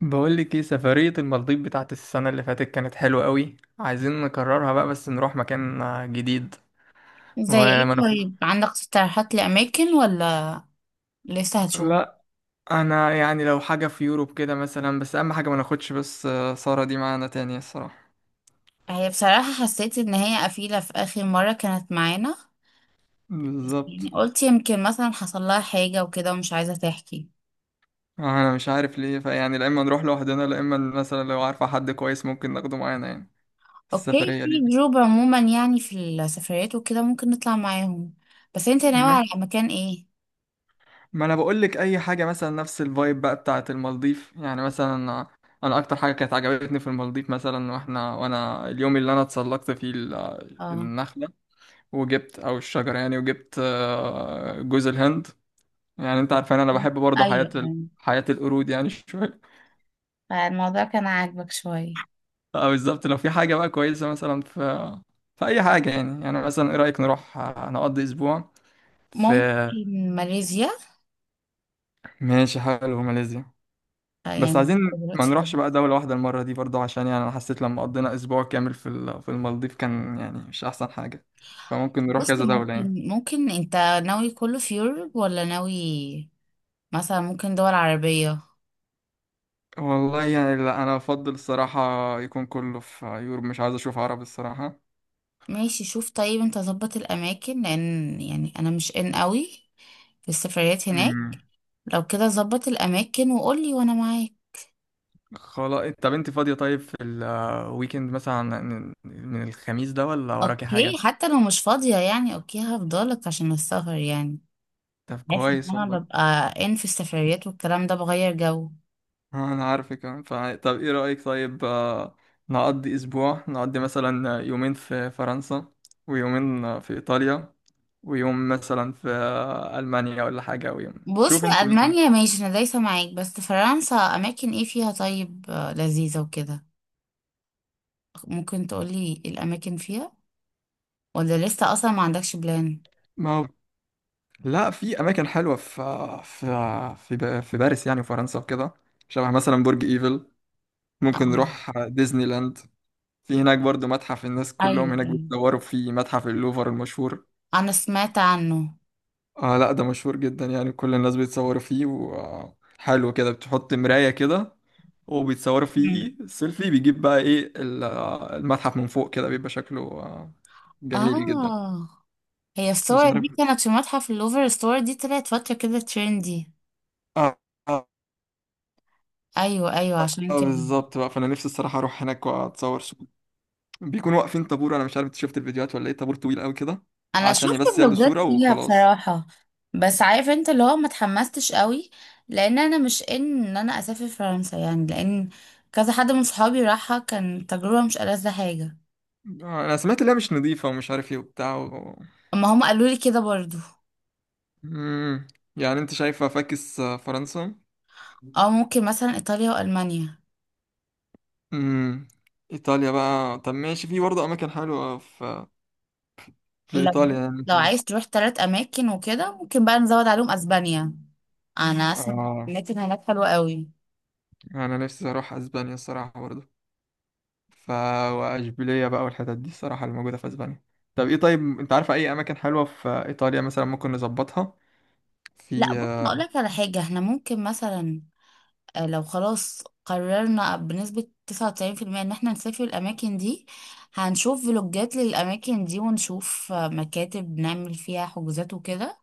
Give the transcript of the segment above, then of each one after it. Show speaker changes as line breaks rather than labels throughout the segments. بقول لك ايه، سفرية المالديف بتاعت السنة اللي فاتت كانت حلوة قوي. عايزين نكررها بقى بس نروح مكان جديد.
زي
وما
ايه؟
ناخد.
طيب، عندك اقتراحات لأماكن ولا لسه هتشوف؟
لا، انا يعني لو حاجة في يوروب كده مثلا، بس اهم حاجة ما ناخدش بس سارة دي معانا تاني الصراحة.
هي بصراحة حسيت ان هي قفيلة في آخر مرة كانت معانا. بس يعني
بالظبط.
قلت يمكن مثلا حصل لها حاجة وكده ومش عايزة تحكي.
انا مش عارف ليه، فيعني لا اما نروح لوحدنا، لا اما مثلا لو عارفة حد كويس ممكن ناخده معانا يعني
اوكي،
السفرية
في جروب عموما يعني في السفريات وكده، ممكن نطلع معاهم. بس انت ناوي
دي.
على مكان ايه؟
ما انا بقول لك اي حاجه مثلا نفس الفايب بقى بتاعه المالديف يعني. مثلا انا اكتر حاجه كانت عجبتني في المالديف، مثلا واحنا، وانا اليوم اللي انا اتسلقت فيه
اه،
النخله وجبت، او الشجره يعني وجبت جوز الهند. يعني انت عارفان انا بحب برضه
ايوه
حياه
يعني.
حياه القرود يعني شويه.
فالموضوع كان عاجبك شوية.
فبالظبط لو في حاجه بقى كويسه مثلا في اي حاجه يعني مثلا ايه رايك نروح نقضي اسبوع في...
ممكن ماليزيا.
ماشي، حلو ماليزيا. بس
يعني
عايزين ما
دلوقتي.
نروحش بقى دولة واحدة المرة دي برضه، عشان يعني أنا حسيت لما قضينا أسبوع كامل في المالديف كان يعني مش أحسن حاجة. فممكن نروح
بص،
كذا دولة يعني.
ممكن انت ناوي كله في يوروب ولا ناوي مثلا ممكن دول عربية؟
والله يعني لا، أنا أفضل الصراحة يكون كله في يوروب، مش عايز أشوف عرب الصراحة.
ماشي، شوف طيب، انت ظبط الأماكن لأن يعني أنا مش إن قوي في السفريات هناك.
أمم.
لو كده ظبط الأماكن وقولي، وأنا معاك.
خلاص، طب أنت فاضية طيب في الويكند مثلا؟ من الخميس ده ولا وراكي
أوكي،
حاجة؟
حتى لو مش فاضية يعني أوكي هفضلك عشان السفر يعني.
طب
عارفة إن
كويس
أنا
والله.
ببقى إن في السفريات والكلام ده بغير جو.
انا عارفك كمان. طب ايه رأيك طيب، نقضي اسبوع نقضي مثلا يومين في فرنسا، ويومين في ايطاليا، ويوم مثلا في المانيا ولا حاجة، او يوم
بص،
شوف انت مثلا.
ألمانيا ماشي، أنا دايسة معاك. بس فرنسا أماكن إيه فيها طيب لذيذة وكده؟ ممكن تقولي الأماكن فيها، ولا لسه أصلا ما عندكش بلان؟
ما هو لا، في اماكن حلوة في في باريس يعني وفرنسا وكده. شبه مثلا برج ايفل. ممكن نروح ديزني لاند. في هناك برضو متحف، الناس
أيوه،
كلهم هناك
أيوه،
بيتصوروا في متحف اللوفر المشهور.
انا سمعت عنه.
اه، لا ده مشهور جدا يعني، كل الناس بيتصوروا فيه وحلو كده، بتحط مراية كده وبيتصوروا
مم.
فيه سيلفي، بيجيب بقى ايه المتحف من فوق كده بيبقى شكله جميل جدا.
اه. هي
مش
الصور
عارف.
دي كانت في متحف اللوفر، الصور دي طلعت فترة كده ترندي.
اه. آه،
ايوه، ايوه، عشان كده.
بالظبط بقى، فانا نفسي الصراحة اروح هناك واتصور صورة. بيكونوا واقفين طابور، انا مش عارف انت شفت الفيديوهات ولا ايه، طابور طويل قوي كده
انا
عشان
شفت
بس ياخدوا صورة
فلوجات ليها
وخلاص.
بصراحة. بس عارف انت اللي هو ما اتحمستش قوي، لان انا مش ان انا اسافر فرنسا يعني، لان كذا حد من صحابي راحها، كان تجربة مش ألذ حاجة.
انا سمعت انها مش نظيفة ومش عارف ايه وبتاع.
اما هم قالوا لي كده برضو.
مم. يعني انت شايفة فاكس فرنسا؟
اه، ممكن مثلا ايطاليا والمانيا.
امم. ايطاليا بقى، طب ماشي، في برضه اماكن حلوه في
لو
ايطاليا يعني
لو
ممكن نروح.
عايز تروح 3 اماكن وكده، ممكن بقى نزود عليهم اسبانيا. انا اسمع
اه،
الاماكن هناك حلوه قوي.
انا نفسي اروح اسبانيا الصراحه برضه. ف واشبيليه بقى والحتت دي الصراحه اللي موجوده في اسبانيا. طب ايه طيب، انت عارفه اي اماكن حلوه في ايطاليا مثلا ممكن نظبطها
لا،
في
بص هقول لك على حاجه، احنا ممكن مثلا لو خلاص قررنا بنسبه 99% ان احنا نسافر الاماكن دي، هنشوف فلوجات للاماكن دي ونشوف مكاتب نعمل فيها حجوزات وكده،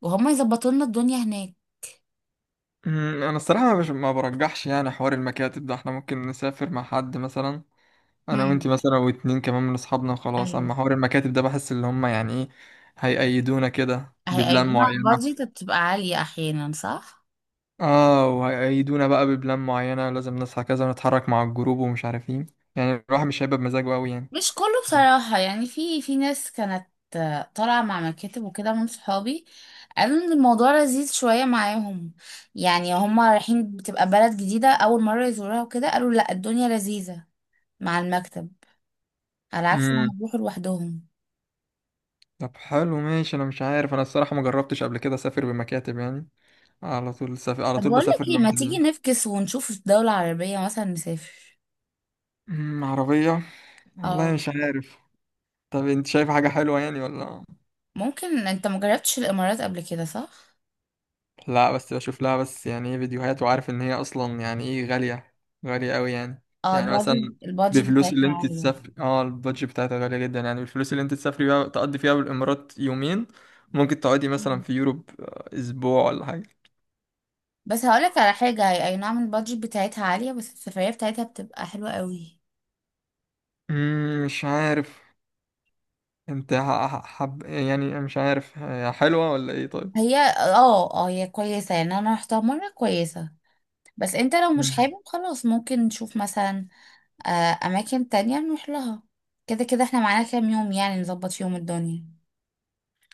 وهم يظبطوا لنا الدنيا هناك.
أمم، انا الصراحه مش، ما برجحش يعني حوار المكاتب ده، احنا ممكن نسافر مع حد مثلا انا وانت
هم.
مثلا واتنين كمان من اصحابنا وخلاص.
ايوه.
اما حوار المكاتب ده بحس اللي هم يعني ايه هيقيدونا كده ببلان
هيقولوا لنا
معينة.
البادجت بتبقى عاليه احيانا، صح؟
اه، وهيقيدونا بقى ببلان معينة، لازم نصحى كذا ونتحرك مع الجروب ومش عارفين. يعني الواحد مش هيبقى بمزاجه قوي يعني.
مش كله بصراحة يعني، في ناس كانت طالعة مع مكاتب وكده من صحابي، قالوا ان الموضوع لذيذ شوية معاهم. يعني هما رايحين بتبقى بلد جديدة أول مرة يزوروها وكده، قالوا لا، الدنيا لذيذة مع المكتب، على عكس ما
امم.
يروحوا لوحدهم.
طب حلو ماشي، انا مش عارف، انا الصراحة ما جربتش قبل كده اسافر بمكاتب يعني. على
طب
طول
بقول لك
بسافر
ايه، ما
لوحدي
تيجي
يعني.
نفكس ونشوف في دولة عربية مثلا نسافر.
امم، عربية. والله
اه،
مش عارف. طب انت شايف حاجة حلوة يعني ولا؟
ممكن. انت مجربتش الإمارات قبل كده صح؟
لا، بس بشوف لها بس يعني ايه فيديوهات، وعارف ان هي اصلا يعني ايه غالية، غالية قوي يعني.
اه،
يعني
البادجت
مثلا
البادجت
بفلوس اللي
بتاعتها
انت
عالية.
تسافري، اه البادج بتاعتها غالية جدا يعني، بالفلوس اللي انت تسافري بيها تقضي فيها بالامارات يومين، ممكن تقعدي مثلا في يوروب اسبوع ولا حاجة.
بس هقولك على حاجة، هي أي نعم البادجت بتاعتها عالية، بس السفرية بتاعتها بتبقى حلوة قوي.
مش عارف. انت حب يعني، مش عارف هي حلوة ولا ايه طيب.
هي اه اه هي كويسة يعني، أنا رحتها مرة كويسة. بس انت لو مش
مم.
حابب خلاص، ممكن نشوف مثلا أماكن تانية نروح لها. كده كده احنا معانا كام يوم يعني نظبط فيهم الدنيا.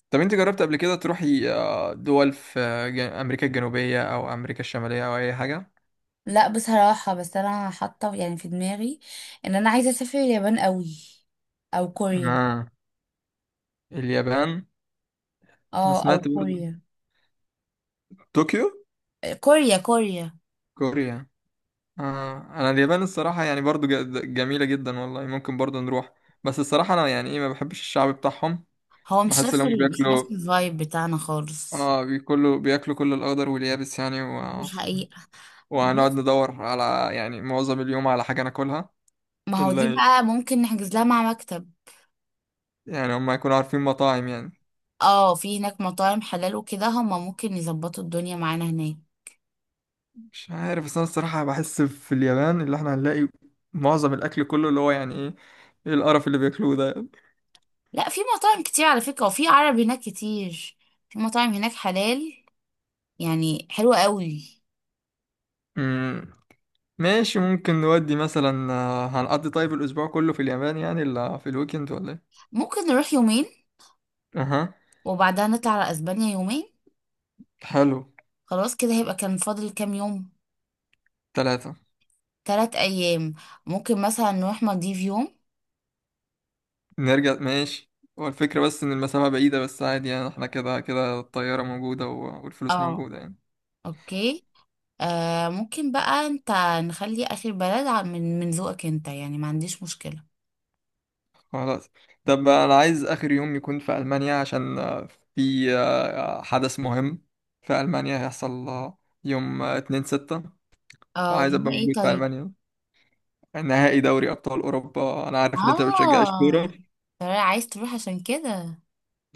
طب انت جربت قبل كده تروحي دول في امريكا الجنوبية او امريكا الشمالية او اي حاجة؟
لا بصراحة، بس أنا حاطة يعني في دماغي إن أنا عايزة أسافر اليابان قوي، أو كوريا.
آه. اليابان. انا
اه، أو
سمعت برضه
كوريا.
طوكيو،
كوريا، كوريا.
كوريا. آه. انا اليابان الصراحه يعني برضو جميله جدا والله، ممكن برضو نروح. بس الصراحه انا يعني ايه ما بحبش الشعب بتاعهم.
هو
بحس ان هم
مش نفس
بياكلوا.
الفايب بتاعنا خالص.
اه، بياكلوا بياكلوا كل الاخضر واليابس يعني
دي
و...
حقيقة.
وهنقعد
بس
ندور على يعني معظم اليوم على حاجه ناكلها
ما هو دي
اللي
بقى ممكن نحجز لها مع مكتب.
يعني هم يكونوا عارفين مطاعم يعني.
اه، في هناك مطاعم حلال وكده هما ممكن يظبطوا الدنيا معانا هناك.
مش عارف، بس انا الصراحه بحس في اليابان اللي احنا هنلاقي معظم الاكل كله اللي هو يعني ايه، ايه القرف اللي بياكلوه ده.
لا، في مطاعم كتير على فكرة، وفي عرب هناك كتير. في مطاعم هناك حلال يعني، حلوة قوي.
مم. ماشي، ممكن نودي مثلا هنقضي طيب الأسبوع كله في اليابان يعني، ولا في الويكند، ولا إيه؟
ممكن نروح يومين،
أها.
وبعدها نطلع على اسبانيا يومين.
حلو.
خلاص كده هيبقى كان فاضل كام يوم؟
3.
3 ايام. ممكن مثلا نروح مالديف يوم.
نرجع، ماشي. هو الفكرة بس إن المسافة بعيدة، بس عادي يعني إحنا كده كده الطيارة موجودة والفلوس
اه،
موجودة يعني.
اوكي. ممكن بقى انت، نخلي اخر بلد من ذوقك انت يعني ما عنديش مشكلة.
خلاص، طب أنا عايز آخر يوم يكون في ألمانيا عشان في حدث مهم في ألمانيا هيحصل يوم 2/6،
اه،
فعايز
اللي هو
أبقى
ايه
موجود في
طيب؟
ألمانيا. نهائي دوري أبطال أوروبا. أنا عارف إن أنت ما بتشجعش كورة.
اه، ترى عايز تروح عشان كده.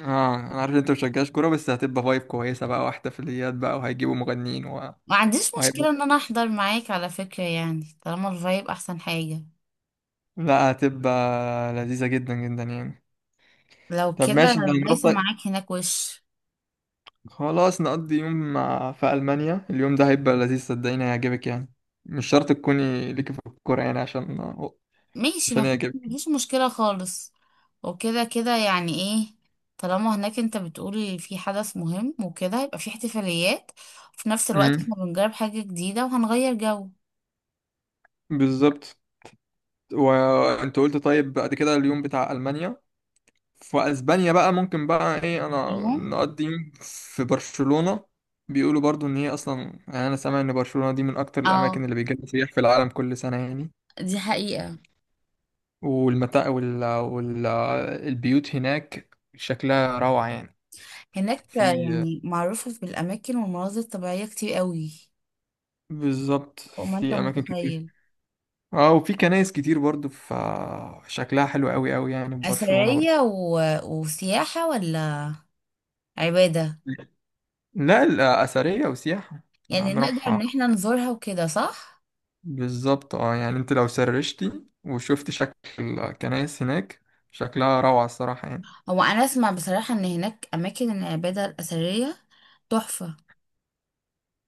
اه، انا عارف ان انت مشجعش كوره، بس هتبقى فايب كويسه بقى واحتفاليات بقى وهيجيبوا مغنيين.
ما عنديش
وهيبقى
مشكلة ان انا احضر معاك على فكرة يعني، طالما الفايب احسن حاجة.
لا، هتبقى لذيذه جدا جدا يعني.
لو
طب
كده
ماشي، انت هنروح
دايسة
طيب؟
معاك هناك وش.
خلاص نقضي يوم. في المانيا اليوم ده هيبقى لذيذ، صدقيني هيعجبك يعني. مش شرط تكوني ليكي في الكوره يعني، عشان
ماشي،
عشان
ما
يعجبك.
فيش مشكلة خالص. وكده كده يعني ايه، طالما هناك انت بتقول في حدث مهم وكده هيبقى في احتفاليات، وفي نفس الوقت
امم.
احنا بنجرب حاجة جديدة وهنغير جو.
بالظبط. وانت قلت طيب بعد كده اليوم بتاع المانيا، في اسبانيا بقى ممكن بقى ايه انا
يوم.
نقضي يوم في برشلونة. بيقولوا برضو ان هي اصلا يعني، انا سامع ان برشلونة دي من اكتر
اه،
الاماكن اللي بيجي لها سياح في العالم كل سنة يعني.
دي حقيقة.
والمتاع البيوت هناك شكلها روعة يعني.
هناك
في
يعني معروفة بالأماكن والمناظر الطبيعية كتير قوي.
بالظبط
فوق ما انت
في اماكن كتير.
متخيل.
اه، وفي كنايس كتير برضو شكلها حلو قوي قوي يعني في برشلونة برضو.
أثرية وسياحة، ولا عبادة؟
لا، الأثرية وسياحة. أنا
يعني نقدر
هنروح.
إن احنا نزورها وكده صح؟
بالظبط اه، يعني انت لو سرشتي وشفت شكل الكنائس هناك، شكلها روعة الصراحة يعني.
هو أنا أسمع بصراحة إن هناك أماكن العبادة الأثرية تحفة.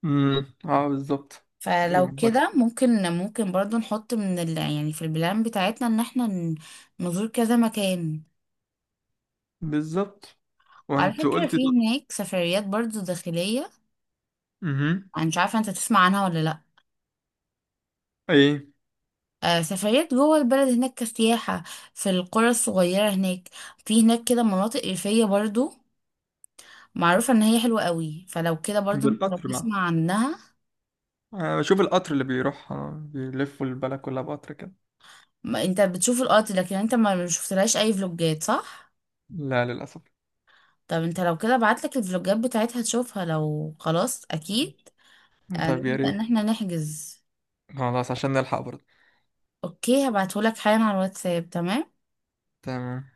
امم، اه بالظبط.
فلو
يبقى-
كده ممكن برضو نحط يعني في البلان بتاعتنا إن احنا نزور كذا مكان.
بالظبط.
وعلى
وانت
فكرة
قلت.
في هناك سفريات برضو داخلية.
امم.
أنا مش عارفة أنت تسمع عنها ولا لأ.
ايه،
سفريات جوه البلد هناك كسياحة، في القرى الصغيرة هناك. في هناك كده مناطق ريفية برضو معروفة ان هي حلوة قوي، فلو كده برضو انت لو
بالقطر بقى.
تسمع عنها.
انا بشوف القطر اللي بيروح بيلفوا البلد كلها بقطر كده.
ما انت بتشوف القط، لكن انت ما شفتلهاش اي فلوجات صح؟
لا للأسف.
طب انت لو كده بعتلك الفلوجات بتاعتها تشوفها، لو خلاص اكيد
طيب يا
نبدأ
ريت،
ان احنا نحجز.
خلاص عشان نلحق برضه.
اوكي، هبعتهولك حالا على الواتساب، تمام.
تمام